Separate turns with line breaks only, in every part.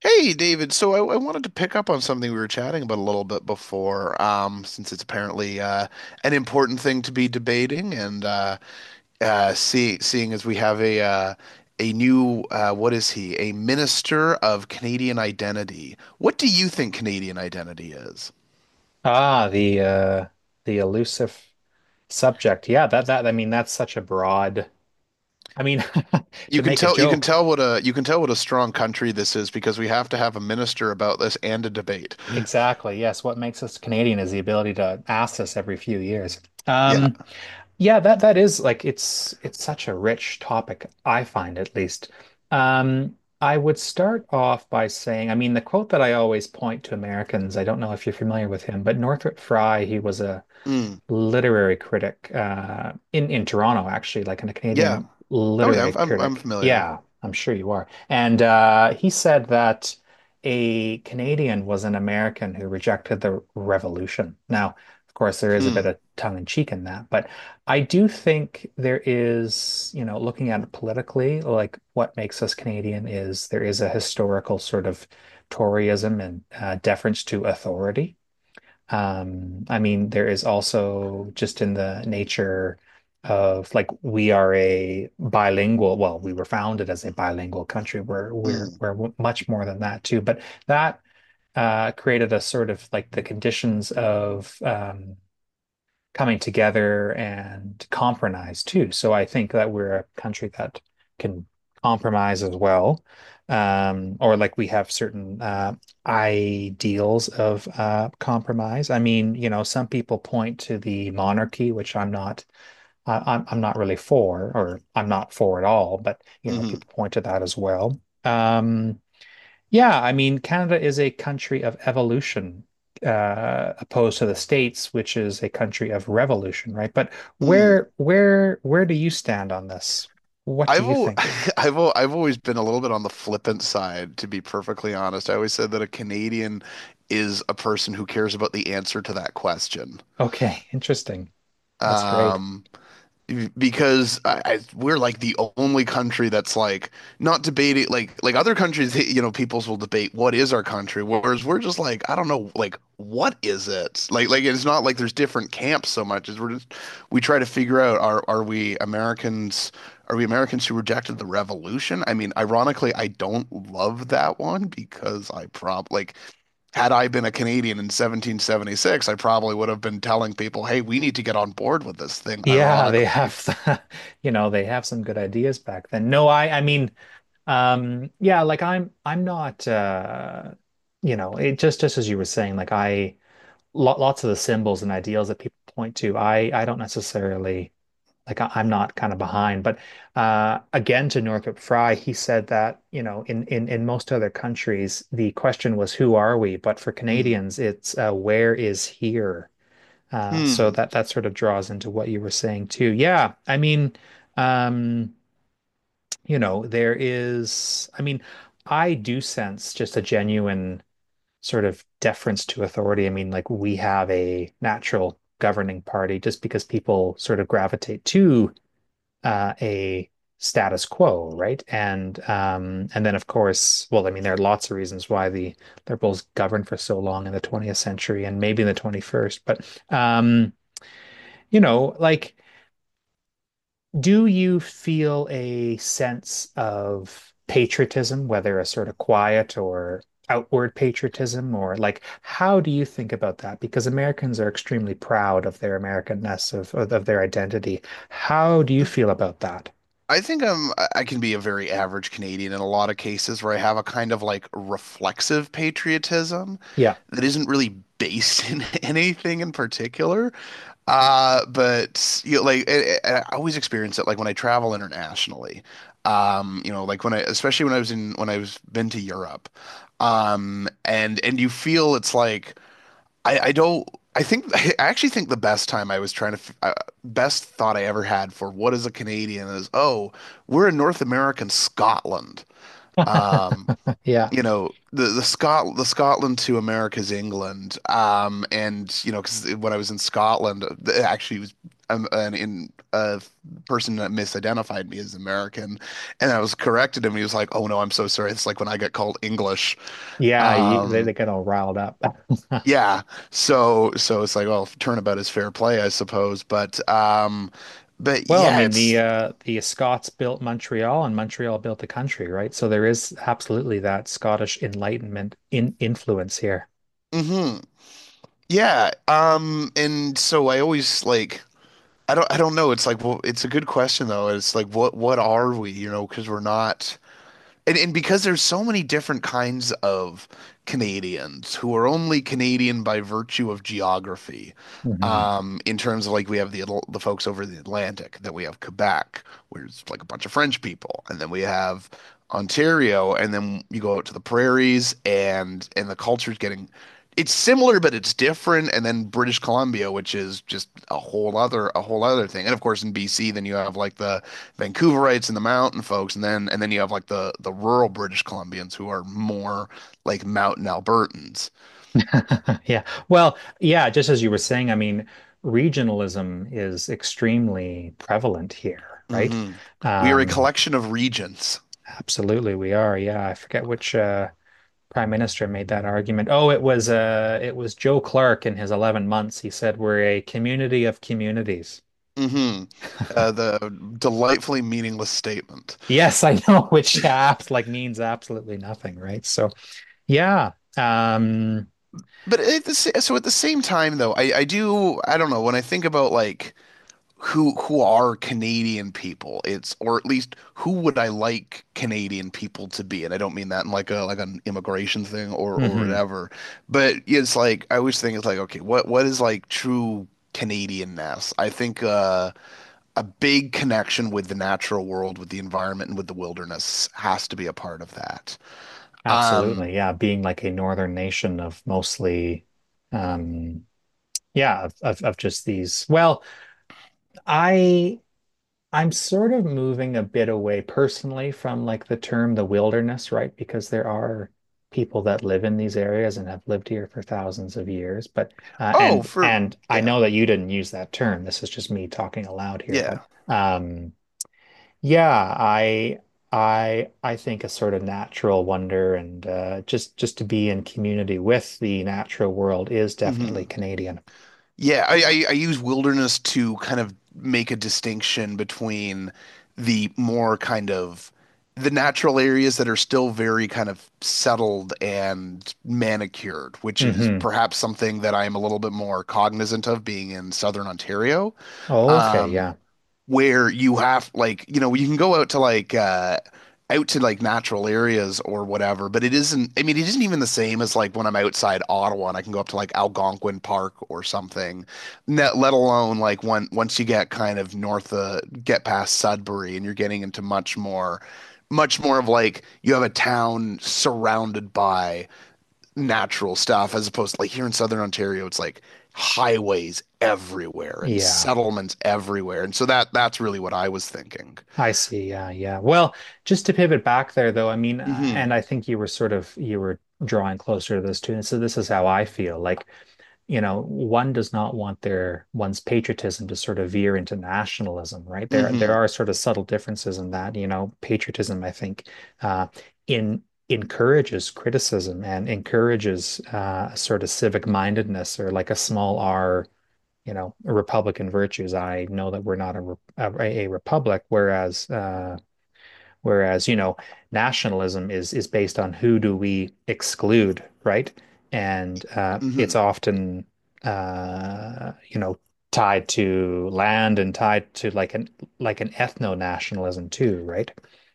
Hey, David. So I wanted to pick up on something we were chatting about a little bit before, since it's apparently an important thing to be debating, and seeing as we have a new what is he? A minister of Canadian identity. What do you think Canadian identity is?
Ah, the the elusive subject. Yeah, that, I mean, that's such a broad I mean to make a joke.
You can tell what a strong country this is because we have to have a minister about this and a debate. Mm.
Exactly. Yes, what makes us Canadian is the ability to ask this every few years.
Yeah.
Um yeah, that is like it's such a rich topic, I find at least. Um I would start off by saying, I mean, the quote that I always point to Americans, I don't know if you're familiar with him, but Northrop Frye, he was
Mm.
literary critic in Toronto, actually, like a
Yeah.
Canadian
Oh yeah.
literary
I'm
critic.
familiar.
Yeah, I'm sure you are. And he said that a Canadian was an American who rejected the revolution. Now, of course, there is a bit
Hmm.
of tongue in cheek in that, but I do think there is, you know, looking at it politically, like what makes us Canadian is there is a historical sort of Toryism and deference to authority. I mean, there is also just in the nature of like we are a bilingual, well, we were founded as a bilingual country. We're we're
Mm.
we're much more than that too. But that created a sort of like the conditions of coming together and compromise too. So I think that we're a country that can compromise as well, or like we have certain ideals of compromise. I mean, you know, some people point to the monarchy, which I'm not, I'm not really for, or I'm not for at all. But you know,
Hmm.
people point to that as well. Um, yeah, I mean, Canada is a country of evolution, opposed to the States, which is a country of revolution, right? But
Mm.
where do you stand on this? What do
I've
you
al
think?
I've always been a little bit on the flippant side, to be perfectly honest. I always said that a Canadian is a person who cares about the answer to that question.
Okay, interesting. That's great.
Um, because I, we're like the only country that's not debating like other countries you know peoples will debate what is our country, whereas we're just like I don't know, like what is it like, it's not like there's different camps so much as we try to figure out are we Americans, are we Americans who rejected the revolution? I mean, ironically, I don't love that one because I prob like had I been a Canadian in 1776, I probably would have been telling people, hey, we need to get on board with this thing,
Yeah, they
ironically.
have, you know, they have some good ideas back then. No, I mean, yeah, like I'm not, you know, it just as you were saying, like lots of the symbols and ideals that people point to, I don't necessarily. Like I'm not kind of behind. But again, to Northrop Frye, he said that, you know, in most other countries, the question was, who are we? But for
Mm.
Canadians, it's where is here? So
Hmm.
that sort of draws into what you were saying too. Yeah, I mean, um, you know, there is, I mean, I do sense just a genuine sort of deference to authority. I mean, like we have a natural governing party just because people sort of gravitate to a status quo, right? And then of course, well, I mean, there are lots of reasons why the liberals governed for so long in the 20th century and maybe in the 21st, but you know, like, do you feel a sense of patriotism, whether a sort of quiet or outward patriotism, or like, how do you think about that? Because Americans are extremely proud of their Americanness, of their identity. How do you feel about that?
I think I can be a very average Canadian in a lot of cases where I have a kind of like reflexive patriotism
Yeah.
that isn't really based in anything in particular. But you know, like I always experience it like when I travel internationally. You know, like when I especially when I was in when I was been to Europe. And you feel it's like I don't. I think I actually think the best time I was trying to f- best thought I ever had for what is a Canadian is, oh, we're in North American Scotland. Um,
Yeah.
you know, the Scotland to America's England. And you know, because when I was in Scotland, actually it was an in a person that misidentified me as American, and I was corrected him. He was like, oh no, I'm so sorry. It's like when I get called English.
Yeah, you,
Um,
they get all riled up.
yeah. So it's like, well, turnabout is fair play, I suppose. But
Well, I
yeah,
mean, the
it's
uh the Scots built Montreal and Montreal built the country, right? So there is absolutely that Scottish Enlightenment in influence here.
hmm. Yeah. Um, and so I always like I don't know. It's like, well, it's a good question though. It's like what are we, you know, because we're not. And because there's so many different kinds of Canadians who are only Canadian by virtue of geography.
Mhm.
In terms of like we have the folks over the Atlantic, then we have Quebec, where it's like a bunch of French people, and then we have Ontario, and then you go out to the prairies and the culture's getting, it's similar but it's different, and then British Columbia, which is just a whole other thing. And of course, in BC, then you have like the Vancouverites and the mountain folks, and then you have like the rural British Columbians who are more like mountain Albertans.
Yeah. Well, yeah, just as you were saying, I mean, regionalism is extremely prevalent here, right?
Hmm. We are a
Um,
collection of regions.
absolutely we are. Yeah, I forget which prime minister made that argument. Oh, it was it was Joe Clark in his 11 months. He said we're a community of communities.
Hmm. The delightfully meaningless statement.
Yes, I know, which apps like means absolutely nothing, right? So yeah.
But at the, so at the same time, though, I don't know when I think about like who are Canadian people. It's, or at least, who would I like Canadian people to be? And I don't mean that in like a like an immigration thing or
Hmm
whatever. But it's like I always think it's like, okay, what is like true Canadianness? I think a big connection with the natural world, with the environment, and with the wilderness has to be a part of that. Um.
Absolutely. Yeah, being like a northern nation of mostly um yeah, of, of just these. Well, I I'm sort of moving a bit away personally from like the term the wilderness, right? Because there are people that live in these areas and have lived here for thousands of years. But
Oh, for
and I
yeah,
know that you didn't use that term. This is just me talking aloud here. But
yeah.
um, yeah, I I think a sort of natural wonder and just to be in community with the natural world is definitely
Hmm.
Canadian.
Yeah, I use wilderness to kind of make a distinction between the more kind of the natural areas that are still very kind of settled and manicured, which is
Hmm.
perhaps something that I am a little bit more cognizant of being in southern Ontario.
Okay,
Um,
yeah,
where you have like, you know, you can go out to like natural areas or whatever, but it isn't, I mean, it isn't even the same as when I'm outside Ottawa and I can go up to like Algonquin Park or something, net let alone like when once you get kind of north of get past Sudbury, and you're getting into much more of like you have a town surrounded by natural stuff, as opposed to like here in Southern Ontario, it's like highways everywhere and
yeah.
settlements everywhere. And so that that's really what I was thinking.
I see. Yeah, yeah. Well, just to pivot back there, though, I mean,
Hmm.
and I think you were sort of you were drawing closer to this too. And so this is how I feel. Like, you know, one does not want their one's patriotism to sort of veer into nationalism, right?
Hmm.
There are sort of subtle differences in that. You know, patriotism, I think, uh, in encourages criticism and encourages sort of civic mindedness or like a small R, you know, republican virtues. I know that we're not a a republic, whereas whereas you know nationalism is based on who do we exclude, right? And
Hmm.
it's often you know, tied to land and tied to like an ethno-nationalism too, right?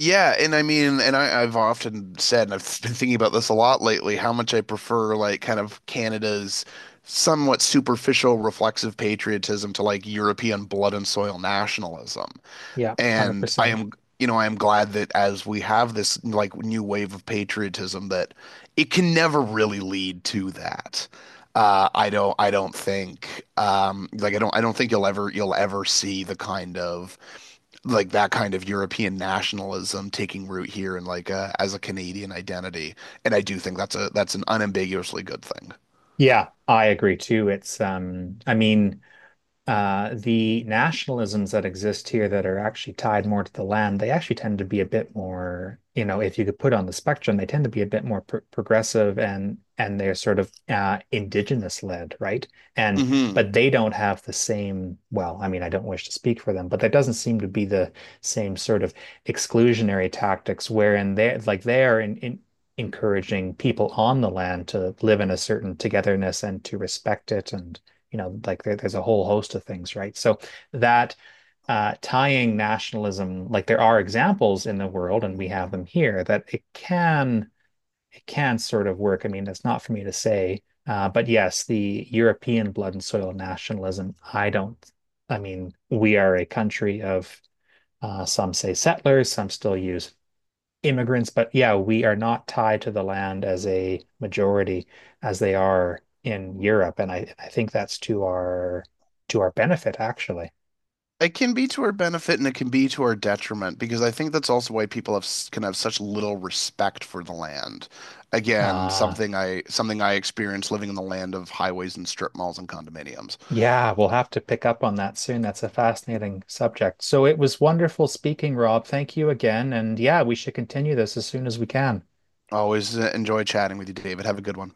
Yeah, and I mean, and I've often said, and I've been thinking about this a lot lately, how much I prefer like kind of Canada's somewhat superficial reflexive patriotism to like European blood and soil nationalism.
Yeah,
And I
100%.
am, you know, I am glad that as we have this like new wave of patriotism, that it can never really lead to that. I don't think, I don't think you'll ever see the kind of that kind of European nationalism taking root here and like as a Canadian identity. And I do think that's a that's an unambiguously good thing.
Yeah, I agree too. It's I mean the nationalisms that exist here that are actually tied more to the land, they actually tend to be a bit more, you know, if you could put on the spectrum, they tend to be a bit more pr progressive and they're sort of indigenous led, right? And
Hmm.
but they don't have the same, well, I mean, I don't wish to speak for them, but that doesn't seem to be the same sort of exclusionary tactics wherein they're like they are in encouraging people on the land to live in a certain togetherness and to respect it, and you know, like there's a whole host of things, right? So that tying nationalism, like there are examples in the world, and we have them here, that it can sort of work. I mean, that's not for me to say, but yes, the European blood and soil nationalism, I don't. I mean, we are a country of some say settlers, some still use immigrants, but yeah, we are not tied to the land as a majority as they are in Europe, and I think that's to our benefit actually.
It can be to our benefit and it can be to our detriment, because I think that's also why people have can have such little respect for the land. Again,
Uh,
something I experienced living in the land of highways and strip malls and condominiums.
yeah, we'll have to pick up on that soon. That's a fascinating subject. So it was wonderful speaking, Rob. Thank you again, and yeah, we should continue this as soon as we can.
Always enjoy chatting with you, David. Have a good one.